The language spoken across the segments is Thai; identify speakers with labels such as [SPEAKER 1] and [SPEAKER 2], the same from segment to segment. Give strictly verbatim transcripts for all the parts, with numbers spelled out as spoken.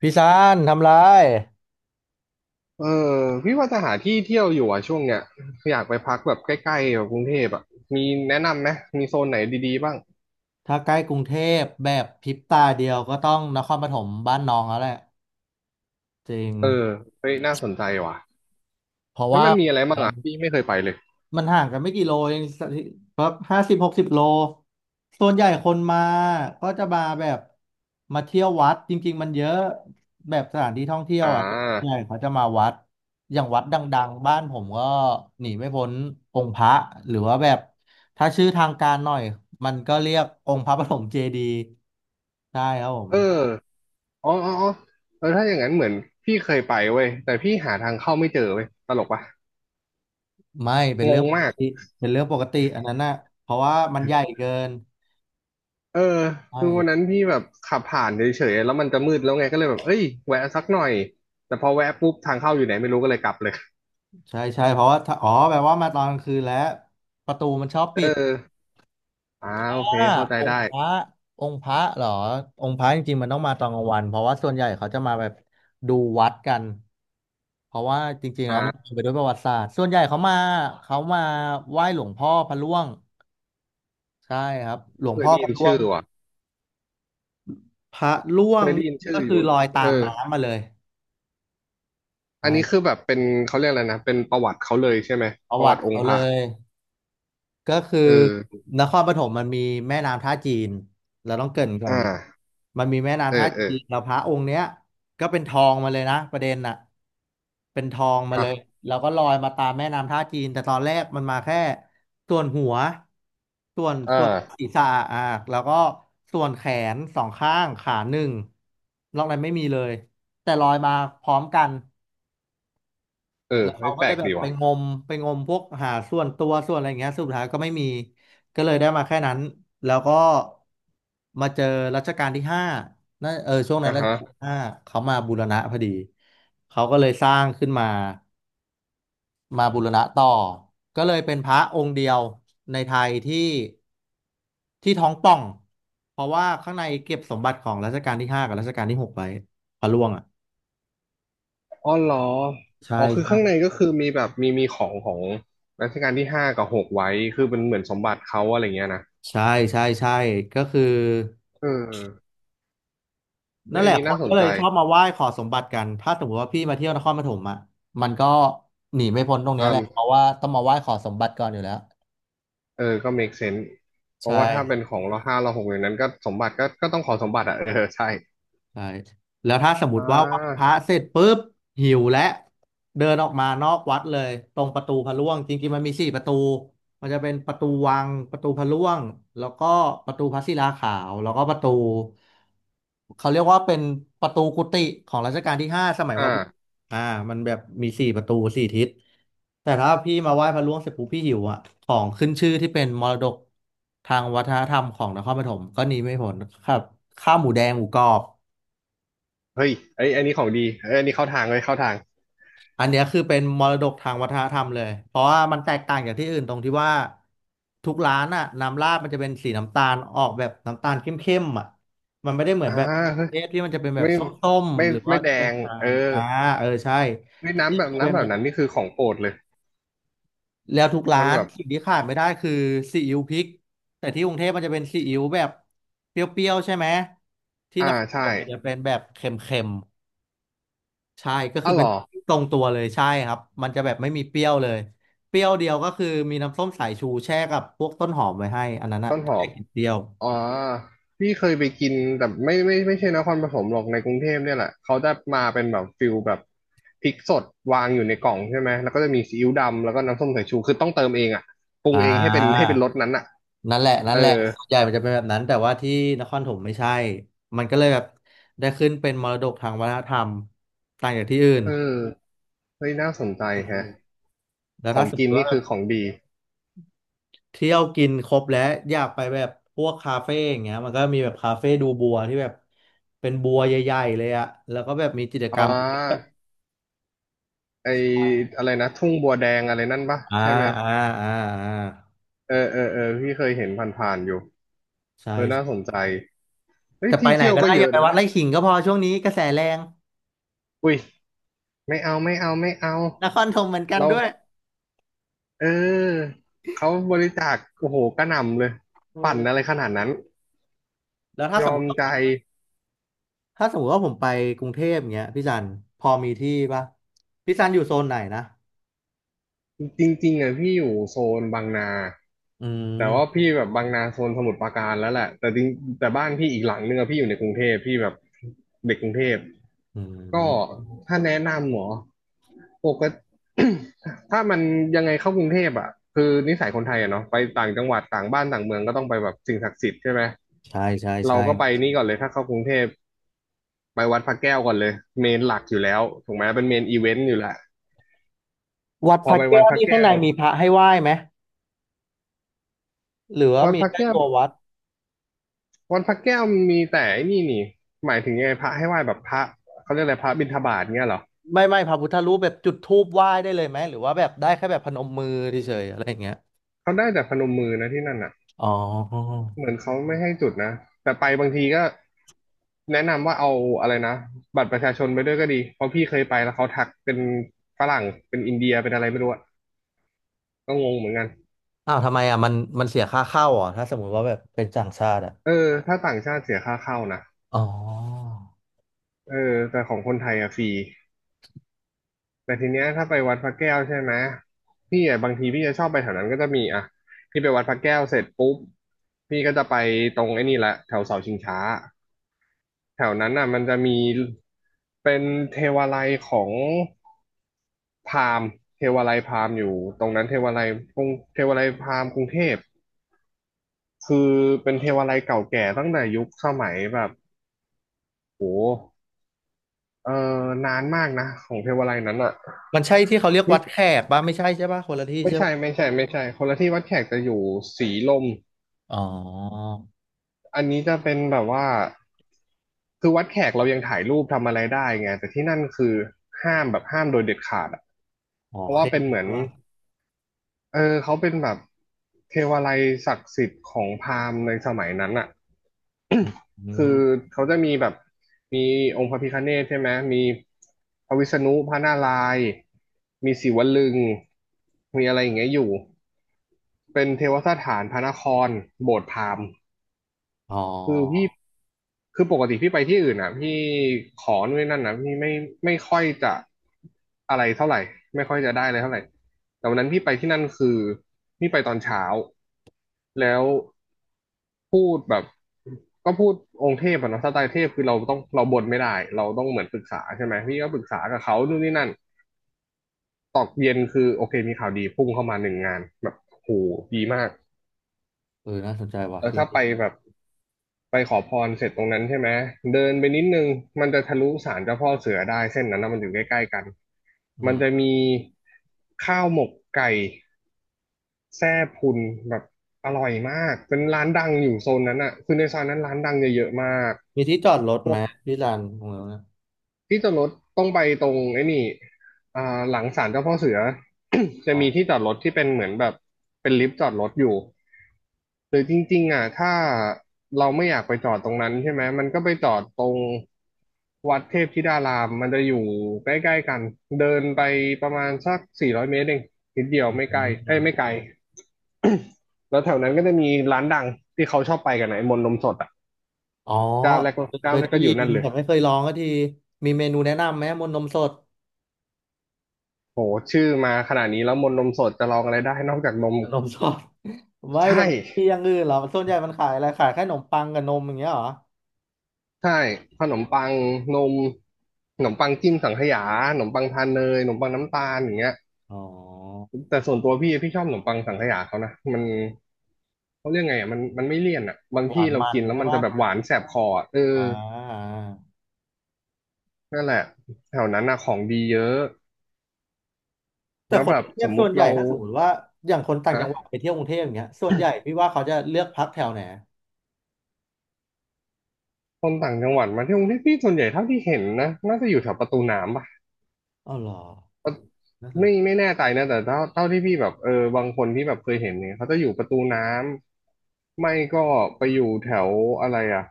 [SPEAKER 1] พี่ซานทำไร
[SPEAKER 2] เออพี่ว่าจะหาที่เที่ยวอยู่อ่ะช่วงเนี้ยอยากไปพักแบบใกล้ๆแบบกรุงเทพอ่ะมีแนะนำไหมมีโซนไหนดีๆบ้าง
[SPEAKER 1] ถ้าใกล้กรุงเทพแบบพริบตาเดียวก็ต้องนครปฐมบ้านน้องแล้วแหละจริง
[SPEAKER 2] เออเฮ้ยน่าสนใจว่ะ
[SPEAKER 1] เพราะ
[SPEAKER 2] แล้ว
[SPEAKER 1] ว่า
[SPEAKER 2] มันมีอะไรบ้างอ่ะพี่ไม่เคยไปเลย
[SPEAKER 1] มันห่างกันไม่กี่โลเองแบบห้าสิบหกสิบโลส่วนใหญ่คนมาก็จะมาแบบมาเที่ยววัดจริงๆมันเยอะแบบสถานที่ท่องเที่ยว
[SPEAKER 2] อ่
[SPEAKER 1] อ่ะส่วนใหญ่
[SPEAKER 2] า
[SPEAKER 1] เขาจะมาวัดอย่างวัดดังๆบ้านผมก็หนีไม่พ้นองค์พระหรือว่าแบบถ้าชื่อทางการหน่อยมันก็เรียกองค์พระปฐมเจดีย์ใช่ครับผม
[SPEAKER 2] เอออ๋ออ๋ออ๋อเออถ้าอย่างนั้นเหมือนพี่เคยไปเว้ยแต่พี่หาทางเข้าไม่เจอเว้ยตลกปะ
[SPEAKER 1] ไม่เป็น
[SPEAKER 2] ง
[SPEAKER 1] เรื่อง
[SPEAKER 2] ง
[SPEAKER 1] ปก
[SPEAKER 2] มาก
[SPEAKER 1] ติเป็นเรื่องปกติอันนั้นน่ะเพราะว่ามันใหญ่เกิน
[SPEAKER 2] เออ
[SPEAKER 1] ใช่
[SPEAKER 2] คือวันนั้นพี่แบบขับผ่านเฉยๆแล้วมันจะมืดแล้วไงก็เลยแบบเอ้ยแวะสักหน่อยแต่พอแวะปุ๊บทางเข้าอยู่ไหนไม่รู้ก็เลยกลับเลย
[SPEAKER 1] ใช่ใช่เพราะว่าถ้าอ๋อแปลว่ามาตอนกลางคืนแล้วประตูมันชอบ
[SPEAKER 2] เ
[SPEAKER 1] ปิด
[SPEAKER 2] อออ่าโอเค
[SPEAKER 1] อ่า
[SPEAKER 2] เข้าใจ
[SPEAKER 1] อง
[SPEAKER 2] ได้
[SPEAKER 1] ค์พระองค์พระเหรอองค์พระจริงๆมันต้องมาตอนกลางวันเพราะว่าส่วนใหญ่เขาจะมาแบบดูวัดกันเพราะว่าจริงๆ
[SPEAKER 2] อ่
[SPEAKER 1] แล้วมัน
[SPEAKER 2] า
[SPEAKER 1] เต็มไปด้วยประวัติศาสตร์ส่วนใหญ่เขามาเขามาไหว้หลวงพ่อพระร่วงใช่ครับหลวง
[SPEAKER 2] เคย
[SPEAKER 1] พ่อ
[SPEAKER 2] ได้
[SPEAKER 1] พ
[SPEAKER 2] ยิ
[SPEAKER 1] ระ
[SPEAKER 2] น
[SPEAKER 1] ร่ว
[SPEAKER 2] ชื่
[SPEAKER 1] ง
[SPEAKER 2] อว่ะ
[SPEAKER 1] พระร่ว
[SPEAKER 2] เค
[SPEAKER 1] ง
[SPEAKER 2] ยได้
[SPEAKER 1] นี่
[SPEAKER 2] ยินชื่อ
[SPEAKER 1] ก็
[SPEAKER 2] อ
[SPEAKER 1] คือ
[SPEAKER 2] ยู่
[SPEAKER 1] ลอย
[SPEAKER 2] เอ
[SPEAKER 1] ตา
[SPEAKER 2] อ
[SPEAKER 1] มน้ำมาเลย
[SPEAKER 2] อั
[SPEAKER 1] ใช่
[SPEAKER 2] นนี้คือแบบเป็นเขาเรียกอะไรนะเป็นประวัติเขาเลยใช่ไหม
[SPEAKER 1] ป
[SPEAKER 2] ป
[SPEAKER 1] ระ
[SPEAKER 2] ระ
[SPEAKER 1] วั
[SPEAKER 2] วั
[SPEAKER 1] ติ
[SPEAKER 2] ติอง
[SPEAKER 1] เขา
[SPEAKER 2] ค์พ
[SPEAKER 1] เล
[SPEAKER 2] ระ
[SPEAKER 1] ย ก็คือ
[SPEAKER 2] เออ
[SPEAKER 1] นครปฐมมันมีแม่น้ำท่าจีนเราต้องเกริ่นก่อ
[SPEAKER 2] อ่
[SPEAKER 1] นนี้
[SPEAKER 2] า
[SPEAKER 1] มันมีแม่
[SPEAKER 2] เออ
[SPEAKER 1] น้ำท่า
[SPEAKER 2] เออ
[SPEAKER 1] จีนแล้วพระองค์เนี้ยก็เป็นทองมาเลยนะประเด็นน่ะเป็นทองมาเล
[SPEAKER 2] ฮะ
[SPEAKER 1] ยเราก็ลอยมาตามแม่น้ำท่าจีนแต่ตอนแรกมันมาแค่ส่วนหัวส่วน
[SPEAKER 2] อ่
[SPEAKER 1] ส่วนศี
[SPEAKER 2] า
[SPEAKER 1] รษะอ่ะแล้วก็ส่วนแขนสองข้างขาหนึ่งนอกนั้นไม่มีเลยแต่ลอยมาพร้อมกัน
[SPEAKER 2] เออ
[SPEAKER 1] แล้ว
[SPEAKER 2] ไม่
[SPEAKER 1] เขาก็
[SPEAKER 2] แปล
[SPEAKER 1] เลย
[SPEAKER 2] ก
[SPEAKER 1] แบบ
[SPEAKER 2] ดี
[SPEAKER 1] ไป
[SPEAKER 2] ว่ะ
[SPEAKER 1] งมไปงมพวกหาส่วนตัวส่วนอะไรอย่างเงี้ยสุดท้ายก็ไม่มีก็เลยได้มาแค่นั้นแล้วก็มาเจอรัชกาลที่ห้านั่นเออช่วงนั้
[SPEAKER 2] อ่า
[SPEAKER 1] นรัชกาล
[SPEAKER 2] ฮะ
[SPEAKER 1] ที่ห้าเขามาบูรณะพอดีเขาก็เลยสร้างขึ้นมามาบูรณะต่อก็เลยเป็นพระองค์เดียวในไทยที่ที่ท้องป่องเพราะว่าข้างในเก็บสมบัติของรัชกาลที่ห้ากับรัชกาลที่หกไว้พระร่วงอ่ะ
[SPEAKER 2] อ๋อเหรอ
[SPEAKER 1] ใช่
[SPEAKER 2] อ๋อคือ
[SPEAKER 1] ใช่
[SPEAKER 2] ข้างในก็คือมีแบบมีมีของของรัชกาลที่ห้ากับหกไว้คือเป็นเหมือนสมบัติเขาอะไรเงี้ยนะ
[SPEAKER 1] ใช่ใช่ใช่ก็คือ
[SPEAKER 2] เออเอ
[SPEAKER 1] นั่
[SPEAKER 2] ย
[SPEAKER 1] นแห
[SPEAKER 2] อัน
[SPEAKER 1] ละ
[SPEAKER 2] นี้
[SPEAKER 1] ค
[SPEAKER 2] น่า
[SPEAKER 1] น
[SPEAKER 2] ส
[SPEAKER 1] ก็
[SPEAKER 2] น
[SPEAKER 1] เล
[SPEAKER 2] ใจ
[SPEAKER 1] ยชอบมาไหว้ขอสมบัติกันถ้าสมมติว่าพี่มาเที่ยวนครปฐมอ่ะมันก็หนีไม่พ้นตรงเนี้
[SPEAKER 2] อื
[SPEAKER 1] ยแหละเพ
[SPEAKER 2] ม
[SPEAKER 1] ราะว่าต้องมาไหว้ขอสมบัติก่อนอยู่แล้ว
[SPEAKER 2] เออก็ make sense เพ
[SPEAKER 1] ใช่
[SPEAKER 2] ราะว่าถ้าเป็นของเราห้าเราหกอย่างนั้นก็สมบัติก็ก็ต้องขอสมบัติอ่ะ เออใช่
[SPEAKER 1] ใช่แล้วถ้าสมม
[SPEAKER 2] อ่า
[SPEAKER 1] ติว่าไหว้พระเสร็จปุ๊บหิวและเดินออกมานอกวัดเลยตรงประตูพระร่วงจริงๆมันมีสี่ประตูมันจะเป็นประตูวังประตูพระร่วงแล้วก็ประตูพระศิลาขาวแล้วก็ประตูเขาเรียกว่าเป็นประตูกุฏิของรัชกาลที่ห้าสมัยมาบุก
[SPEAKER 2] อ่า
[SPEAKER 1] อ่ามันแบบมีสี่ประตูสี่ทิศแต่ถ้าพี่มาไหว้พระร่วงเสร็จปุ๊บพี่หิวอ่ะของขึ้นชื่อที่เป็นมรดกทางวัฒนธรรมของนครปฐมก็หนีไม่พ้นครับข้าวหมูแดงหมูกรอบ
[SPEAKER 2] เฮ้ยไอ้ยอันนี้ของดีเอ้ยอันนี้เข้าทางเลยเข้าทาง
[SPEAKER 1] อันเนี้ยคือเป็นมรดกทางวัฒนธรรมเลยเพราะว่ามันแตกต่างจากที่อื่นตรงที่ว่าทุกร้านอะน้ำราดมันจะเป็นสีน้ำตาลออกแบบน้ำตาลเข้มๆอะมันไม่ได้เหมือน
[SPEAKER 2] อ่า
[SPEAKER 1] แบบเทศที่มันจะเป็นแบ
[SPEAKER 2] เฮ้
[SPEAKER 1] บ
[SPEAKER 2] ย
[SPEAKER 1] ส้ม
[SPEAKER 2] ไม่ไม่
[SPEAKER 1] ๆหรือว่า
[SPEAKER 2] ไม่แด
[SPEAKER 1] จะเป็น
[SPEAKER 2] ง
[SPEAKER 1] จา
[SPEAKER 2] เออ
[SPEAKER 1] งอ่าเออใช่
[SPEAKER 2] เฮ้ยน้ำแบบ
[SPEAKER 1] เป็น
[SPEAKER 2] น้ำแบ
[SPEAKER 1] แบ
[SPEAKER 2] บนั้น
[SPEAKER 1] บ
[SPEAKER 2] นี่คือของโปรดเลย
[SPEAKER 1] แล้วทุกร้า
[SPEAKER 2] มัน
[SPEAKER 1] น
[SPEAKER 2] แบบ
[SPEAKER 1] สิ่งที่ขาดไม่ได้คือซีอิ๊วพริกแต่ที่กรุงเทพมันจะเป็นซีอิ๊วแบบเปรี้ยวๆใช่ไหมที่
[SPEAKER 2] อ่า
[SPEAKER 1] นครป
[SPEAKER 2] ใช่
[SPEAKER 1] ฐมมันจะเป็นแบบเค็ม ใช่ก็คื
[SPEAKER 2] อ้า
[SPEAKER 1] อ
[SPEAKER 2] วเหร
[SPEAKER 1] เป็น
[SPEAKER 2] อ
[SPEAKER 1] ที่ตรงตัวเลยใช่ครับมันจะแบบไม่มีเปรี้ยวเลยเปรี้ยวเดียวก็คือมีน้ำส้มสายชูแช่กับพวกต้นหอมไว้ให้อันนั้นอะ
[SPEAKER 2] ต้นห
[SPEAKER 1] ถ้า
[SPEAKER 2] อ
[SPEAKER 1] อยา
[SPEAKER 2] ม
[SPEAKER 1] กกินเปรี้ยว
[SPEAKER 2] อ๋อพี่เคยไปกินแต่ไม่ไม่ไม่ใช่นครปฐมหรอกในกรุงเทพเนี่ยแหละเขาจะมาเป็นแบบฟิลแบบพริกสดวางอยู่ในกล่องใช่ไหม แล้วก็จะมีซีอิ๊วดำแล้วก็น้ำส้มสายชู คือต้องเติมเองอ่ะปรุง
[SPEAKER 1] อ่
[SPEAKER 2] เองให้เป็นให้
[SPEAKER 1] า
[SPEAKER 2] เป็นรสนั้นอ่ะ
[SPEAKER 1] นั่นแหละนั่น
[SPEAKER 2] เอ
[SPEAKER 1] แหละ
[SPEAKER 2] อ
[SPEAKER 1] ส่วนใหญ่มันจะเป็นแบบนั้นแต่ว่าที่นครปฐมไม่ใช่มันก็เลยแบบได้ขึ้นเป็นมรดกทางวัฒนธรรมต่างจากที่อื่น
[SPEAKER 2] เออเฮ้ยน่าสนใจ
[SPEAKER 1] ใช
[SPEAKER 2] แฮะ
[SPEAKER 1] ่แล้ว
[SPEAKER 2] ขอ
[SPEAKER 1] ถ้า
[SPEAKER 2] ง
[SPEAKER 1] สมม
[SPEAKER 2] กิน
[SPEAKER 1] ติ
[SPEAKER 2] นี่
[SPEAKER 1] ว่า
[SPEAKER 2] คือของดี
[SPEAKER 1] เที่ยวกินครบแล้วอยากไปแบบพวกคาเฟ่อย่างเงี้ยมันก็มีแบบคาเฟ่ดูบัวที่แบบเป็นบัวใหญ่ๆเลยอะแล้วก็แบบมีกิจก
[SPEAKER 2] อ๋
[SPEAKER 1] รรม
[SPEAKER 2] อไออะไรนะทุ่งบัวแดงอะไรนั่นปะ
[SPEAKER 1] อ่า
[SPEAKER 2] ใช่ไหม
[SPEAKER 1] อ่าอ่าอ่า
[SPEAKER 2] เออเออเออพี่เคยเห็นผ่านๆอยู่
[SPEAKER 1] ใช่
[SPEAKER 2] เออน่าส
[SPEAKER 1] ใช่
[SPEAKER 2] นใจเฮ้ย
[SPEAKER 1] แต่ไป
[SPEAKER 2] ที่
[SPEAKER 1] ไหน
[SPEAKER 2] เที่ยว
[SPEAKER 1] ก็
[SPEAKER 2] ก็
[SPEAKER 1] ได้
[SPEAKER 2] เย
[SPEAKER 1] อย่า
[SPEAKER 2] อะ
[SPEAKER 1] ไป
[SPEAKER 2] นะ
[SPEAKER 1] วัด
[SPEAKER 2] เนี่ย
[SPEAKER 1] ไร่ขิงก็พอช่วงนี้กระแสแรง
[SPEAKER 2] อุ้ยไม่เอาไม่เอาไม่เอา
[SPEAKER 1] นครธมเหมือนกัน
[SPEAKER 2] เรา
[SPEAKER 1] ด้วย
[SPEAKER 2] เออเขาบริจาคโอ้โหกระหน่ำเลย
[SPEAKER 1] เอ
[SPEAKER 2] ปั่น
[SPEAKER 1] อ
[SPEAKER 2] อะไรขนาดนั้น
[SPEAKER 1] แล้วถ้า
[SPEAKER 2] ย
[SPEAKER 1] สม
[SPEAKER 2] อ
[SPEAKER 1] ม
[SPEAKER 2] ม
[SPEAKER 1] ติว่า
[SPEAKER 2] ใจ
[SPEAKER 1] ถ้าสมมติว่าผมไปกรุงเทพเงี้ยพี่จันพอมีที่ปะพี่จันอยู่โซนไหนนะ
[SPEAKER 2] จริงๆอ่ะพี่อยู่โซนบางนา
[SPEAKER 1] อื
[SPEAKER 2] แต่ว่า
[SPEAKER 1] ม
[SPEAKER 2] พี่แบบบางนาโซนสมุทรปราการแล้วแหละแต่จริงแต่บ้านพี่อีกหลังนึงอะพี่อยู่ในกรุงเทพพี่แบบเด็กกรุงเทพ
[SPEAKER 1] อื
[SPEAKER 2] ก็
[SPEAKER 1] ม
[SPEAKER 2] ถ้าแนะนำหมอปกติ ถ้ามันยังไงเข้ากรุงเทพอ่ะคือนิสัยคนไทยอ่ะเนาะไปต่างจังหวัดต่างบ้านต่างเมืองก็ต้องไปแบบสิ่งศักดิ์สิทธิ์ใช่ไหม
[SPEAKER 1] ใช่ใช่
[SPEAKER 2] เรา
[SPEAKER 1] ใช่
[SPEAKER 2] ก็ไปนี่ก่อนเลยถ้าเข้ากรุงเทพไปวัดพระแก้วก่อนเลยเมนหลักอยู่แล้วถูกไหมเป็นเมนอีเวนต์อยู่แหละ
[SPEAKER 1] วัด
[SPEAKER 2] พ
[SPEAKER 1] พ
[SPEAKER 2] อ
[SPEAKER 1] ระ
[SPEAKER 2] ไปวั
[SPEAKER 1] แก้
[SPEAKER 2] ด
[SPEAKER 1] ว
[SPEAKER 2] พระ
[SPEAKER 1] นี่ข้า
[SPEAKER 2] แก้
[SPEAKER 1] งใน
[SPEAKER 2] ว
[SPEAKER 1] มีพระให้ไหว้ไหมหรือว่า
[SPEAKER 2] วัด
[SPEAKER 1] มี
[SPEAKER 2] พระ
[SPEAKER 1] แค่
[SPEAKER 2] แก้ว
[SPEAKER 1] ตัววัด
[SPEAKER 2] วัดพระแก้วมีแต่ไอ้นี่นี่หมายถึงยังไงพระให้ไหว้แบบพระเขาเรียกอะไรพระบิณฑบาตเงี้ยเหรอ
[SPEAKER 1] ไม่ไม่พระพุทธรูปแบบจุดธูปไหว้ได้เลยไหมหรือว่าแบบได้แค่แบบพนมมือเฉยๆอะไรอย่างเงี้ย
[SPEAKER 2] เขาได้แต่พนมมือนะที่นั่นอ่ะ
[SPEAKER 1] อ๋อ
[SPEAKER 2] เหมือนเขาไม่ให้จุดนะแต่ไปบางทีก็แนะนำว่าเอาอะไรนะบัตรประชาชนไปด้วยก็ดีเพราะพี่เคยไปแล้วเขาทักเป็นฝรั่งเป็นอินเดียเป็นอะไรไม่รู้อะก็งงเหมือนกัน
[SPEAKER 1] อ้าวทำไมอ่ะมันมันเสียค่าเข้าเหรอ่ะถ้าสมมติว่าแบบเป็นต่างชาติอ่ะ
[SPEAKER 2] เออถ้าต่างชาติเสียค่าเข้านะ
[SPEAKER 1] อ๋อ
[SPEAKER 2] เออแต่ของคนไทยอะฟรีแต่ทีเนี้ยถ้าไปวัดพระแก้วใช่ไหมพี่อะบางทีพี่จะชอบไปแถวนั้นก็จะมีอะพี่ไปวัดพระแก้วเสร็จปุ๊บพี่ก็จะไปตรงไอ้นี่แหละแถวเสาชิงช้า แถวนั้นน่ะมันจะมีเป็นเทวาลัยของพราหมณ์เทวาลัยพราหมณ์อยู่ตรงนั้นเทวาลัยกรุงเทวาลัยพราหมณ์กรุงเทพคือเป็นเทวาลัยเก่าแก่ตั้งแต่ยุคสมัยแบบโหเออนานมากนะของเทวาลัยนั้นอ่ะ
[SPEAKER 1] มันใช่ที่เขาเรียก
[SPEAKER 2] นี่
[SPEAKER 1] วัดแขกป่ะไม่ใช่ใช่ป่ะคนละที่
[SPEAKER 2] ไม่
[SPEAKER 1] ใช่
[SPEAKER 2] ใช่
[SPEAKER 1] ป่ะ
[SPEAKER 2] ไม่ใช่ไม่ใช่คนละที่วัดแขกจะอยู่สีลม
[SPEAKER 1] อ๋อ
[SPEAKER 2] อันนี้จะเป็นแบบว่าคือวัดแขกเรายังถ่ายรูปทำอะไรได้ไงแต่ที่นั่นคือห้ามแบบห้ามโดยเด็ดขาดอะ
[SPEAKER 1] อ๋อ
[SPEAKER 2] เพ
[SPEAKER 1] โอ
[SPEAKER 2] ราะ
[SPEAKER 1] เค
[SPEAKER 2] ว่าเป็น
[SPEAKER 1] ใช่
[SPEAKER 2] เหมือน
[SPEAKER 1] ป่ะ
[SPEAKER 2] เออเขาเป็นแบบเทวาลัยศักดิ์สิทธิ์ของพราหมณ์ในสมัยนั้นอ่ะ
[SPEAKER 1] อื
[SPEAKER 2] คือ
[SPEAKER 1] ม
[SPEAKER 2] เขาจะมีแบบมีองค์พระพิฆเนศใช่ไหมมีพระวิษณุพระนารายณ์มีศิวลึงมีอะไรอย่างเงี้ยอยู่เป็นเทวสถานพระนครโบสถ์พราหมณ์
[SPEAKER 1] อ๋อ
[SPEAKER 2] คือพี่ คือปกติพี่ไปที่อื่นอ่ะพี่ขอนู่นนนั่นนะพี่ไม่ไม่ค่อยจะอะไรเท่าไหร่ไม่ค่อยจะได้เลยเท่าไหร่แต่วันนั้นพี่ไปที่นั่นคือพี่ไปตอนเช้าแล้วพูดแบบก็พูดองค์เทพอะเนาะสไตล์เทพคือเราต้องเราบ่นไม่ได้เราต้องเหมือนปรึกษาใช่ไหมพี่ก็ปรึกษากับเขานู่นนี่นั่นตอกเย็นคือโอเคมีข่าวดีพุ่งเข้ามาหนึ่งงานแบบโหดีมาก
[SPEAKER 1] เออน่าสนใจว่ะ
[SPEAKER 2] แล้ว
[SPEAKER 1] ที่
[SPEAKER 2] ถ้า
[SPEAKER 1] นี่
[SPEAKER 2] ไปแบบ ไปขอพรเสร็จตรงนั้นใช่ไหมเดินไปนิดนึงมันจะทะลุศาลเจ้าพ่อเสือได้เส้นนั้นนะมันอยู่ใกล้ๆกัน
[SPEAKER 1] อื
[SPEAKER 2] มัน
[SPEAKER 1] ม
[SPEAKER 2] จะมีข้าวหมกไก่แซ่พุนแบบอร่อยมากเป็นร้านดังอยู่โซนนั้นอ่ะคือในซอยนั้นร้านดังเยอะๆมาก
[SPEAKER 1] มีที่จอดรถไหมที่ลานขรงนั้นะ
[SPEAKER 2] ที่จอดรถต้องไปตรงไอ้นี่อ่าหลังศาลเจ้าพ่อเสือ จะ
[SPEAKER 1] อ๋อ
[SPEAKER 2] มีที่จอดรถที่เป็นเหมือนแบบเป็นลิฟต์จอดรถอยู่หรือจริงๆอ่ะถ้าเราไม่อยากไปจอดตรงนั้นใช่ไหมมันก็ไปจอดตรงวัดเทพธิดารามมันจะอยู่ใกล้ๆกัน เดินไปประมาณสักสี่ร้อยเมตรเองนิดเดียว
[SPEAKER 1] อื
[SPEAKER 2] ไม่ใกล้เอ้ย
[SPEAKER 1] ม
[SPEAKER 2] ไม่ไกล แล้วแถวนั้นก็จะมีร้านดังที่เขาชอบไปกันนะไอ้มนต์นมสดอ่ะ
[SPEAKER 1] อ๋อ
[SPEAKER 2] เจ้าแรก
[SPEAKER 1] เค
[SPEAKER 2] เจ้า
[SPEAKER 1] ย
[SPEAKER 2] แรก
[SPEAKER 1] ได้
[SPEAKER 2] ก็อ
[SPEAKER 1] ยิ
[SPEAKER 2] ยู่
[SPEAKER 1] น
[SPEAKER 2] นั่นเลย
[SPEAKER 1] แต่ไม่เคยลองก็ทีมีเมนูแนะนำไหมมนนมสด
[SPEAKER 2] โหชื่อมาขนาดนี้แล้วมนต์นมสดจะลองอะไรได้นอกจากนม
[SPEAKER 1] นมสดไม่แต่
[SPEAKER 2] ใช่
[SPEAKER 1] ที่อย่างอื่นเหรอส่วนใหญ่มันขายอะไรขายแค่ขนมปังกับนมอย่างเงี้ยเหรอ
[SPEAKER 2] ใช่ขนมปังนมขนมปังจิ้มสังขยาขนมปังทานเนยขนมปังน้ำตาลอย่างเงี้ย
[SPEAKER 1] อ๋อ
[SPEAKER 2] แต่ส่วนตัวพี่พี่ชอบขนมปังสังขยาเขานะมันเขาเรียกไงอ่ะมันมันไม่เลี่ยนอ่ะบาง
[SPEAKER 1] หวา
[SPEAKER 2] ที่
[SPEAKER 1] น
[SPEAKER 2] เรา
[SPEAKER 1] มัน
[SPEAKER 2] กินแล้ว
[SPEAKER 1] ใช่
[SPEAKER 2] มันจะ
[SPEAKER 1] ปะ
[SPEAKER 2] แบบหวานแสบคออะเออ
[SPEAKER 1] อ่า
[SPEAKER 2] นั่นแหละแถวนั้นน่ะของดีเยอะ
[SPEAKER 1] แต่
[SPEAKER 2] แล้ว
[SPEAKER 1] คน
[SPEAKER 2] แบ
[SPEAKER 1] ก
[SPEAKER 2] บ
[SPEAKER 1] รุงเท
[SPEAKER 2] ส
[SPEAKER 1] พ
[SPEAKER 2] มมุ
[SPEAKER 1] ส่ว
[SPEAKER 2] ติ
[SPEAKER 1] นใหญ่
[SPEAKER 2] เรา
[SPEAKER 1] ถ้าสมมติว่าอย่างคนต่าง
[SPEAKER 2] ฮะ
[SPEAKER 1] จังหวัดไปเที่ยวกรุงเทพอย่างเงี้ยส่วนใหญ่พี่ว่าเขาจะเลือกพักแถวไหน
[SPEAKER 2] คนต่างจังหวัดมาที่กรุงเทพพี่ส่วนใหญ่เท่าที่เห็นนะน่าจะอยู่แถวประตูน้ำปะ
[SPEAKER 1] อ๋อเหรอ น่าสน
[SPEAKER 2] ไม่
[SPEAKER 1] ใจ
[SPEAKER 2] ไม่แน่ใจนะแต่เท่าเท่าที่พี่แบบเออบางคนที่แบบเคยเห็นเนี่ยเขาจะอยู่ประตูน้ำไม่ก็ไปอยู่แถวอะไรอ่ะ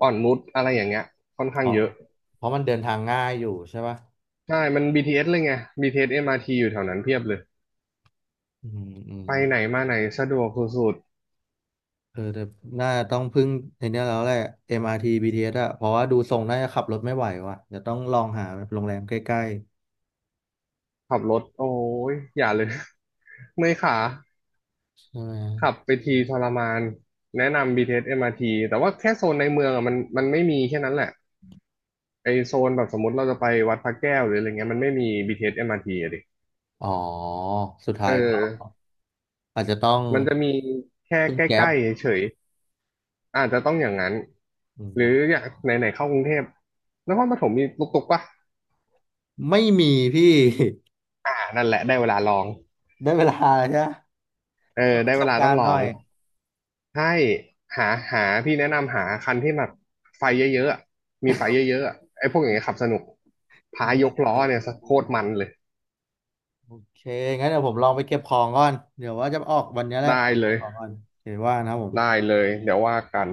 [SPEAKER 2] อ่อนนุชอะไรอย่างเงี้ยค่อนข้าง
[SPEAKER 1] อ๋อ
[SPEAKER 2] เยอะ
[SPEAKER 1] เพราะมันเดินทางง่ายอยู่ใช่ปะ
[SPEAKER 2] ใช่มัน บี ที เอส เอสเลยไง บี ที เอส เอ็ม อาร์ ที อสเอ็มอาร์ทีอยู่แถวนั้นเพียบเลย
[SPEAKER 1] อืมอืม
[SPEAKER 2] ไปไหนมาไหนสะดวกสุด
[SPEAKER 1] เออแต่น่าต้องพึ่งในเนี้ยแล้วแหละ เอ็ม อาร์ ที บี ที เอส อาร์ทีบีทีเอสอะเพราะว่าดูทรงน่าจะขับรถไม่ไหวว่ะจะต้องลองหาโรงแรมใกล้
[SPEAKER 2] ๆขับรถโอ้ยอย่าเลย เมื่อยขา
[SPEAKER 1] ๆใช่ไหม
[SPEAKER 2] ขับไปทีทรมานแนะนำ บี ที เอส เอ็ม อาร์ ที แต่ว่าแค่โซนในเมืองอ่ะมันมันไม่มีแค่นั้นแหละไอโซนแบบสมมติเราจะไปวัดพระแก้วหรืออะไรเงี้ยมันไม่มี บี ที เอส เอ็ม อาร์ ที อสเอ็มอาร์ทีอะดิ
[SPEAKER 1] อ๋อสุด
[SPEAKER 2] เอ
[SPEAKER 1] ท้ายก็
[SPEAKER 2] อ
[SPEAKER 1] อาจจะต้อง
[SPEAKER 2] มันจะมีแค่
[SPEAKER 1] พึ่ง
[SPEAKER 2] ใก
[SPEAKER 1] แก๊ป
[SPEAKER 2] ล้ๆเฉยๆอาจจะต้องอย่างนั้น
[SPEAKER 1] อื
[SPEAKER 2] ห
[SPEAKER 1] ม
[SPEAKER 2] รืออย่างไหนๆเข้ากรุงเทพนครปฐมมีตุกๆปะ
[SPEAKER 1] ไม่มีพี่
[SPEAKER 2] อ่านั่นแหละได้เวลาลอง
[SPEAKER 1] ได้เวลาแล้วใช่ไหม
[SPEAKER 2] เออ
[SPEAKER 1] เปิดป
[SPEAKER 2] ได้
[SPEAKER 1] ระส
[SPEAKER 2] เว
[SPEAKER 1] บ
[SPEAKER 2] ลาต้
[SPEAKER 1] กา
[SPEAKER 2] อง
[SPEAKER 1] รณ์
[SPEAKER 2] ลอ
[SPEAKER 1] หน่อ
[SPEAKER 2] ง
[SPEAKER 1] ย
[SPEAKER 2] ให้หาหาพี่แนะนำหาคันที่แบบไฟเยอะๆอะมีไฟเยอะๆอะไอ้พวกอย่างเงี้ยขับสนุกพาย
[SPEAKER 1] ได้
[SPEAKER 2] ก
[SPEAKER 1] เลย
[SPEAKER 2] ล้อเนี่ย
[SPEAKER 1] ได้
[SPEAKER 2] โค
[SPEAKER 1] เล
[SPEAKER 2] ต
[SPEAKER 1] ย
[SPEAKER 2] รมันเลย
[SPEAKER 1] โอเคงั้นเดี๋ยวผมลองไปเก็บของก่อนเดี๋ยวว่าจะออกวันนี้แหละ
[SPEAKER 2] ได้
[SPEAKER 1] เดี๋ยว
[SPEAKER 2] เล
[SPEAKER 1] เก็บ
[SPEAKER 2] ย
[SPEAKER 1] ของก่อนโอเคว่านะครับผ
[SPEAKER 2] ได้
[SPEAKER 1] ม
[SPEAKER 2] เลยเดี๋ยวว่ากัน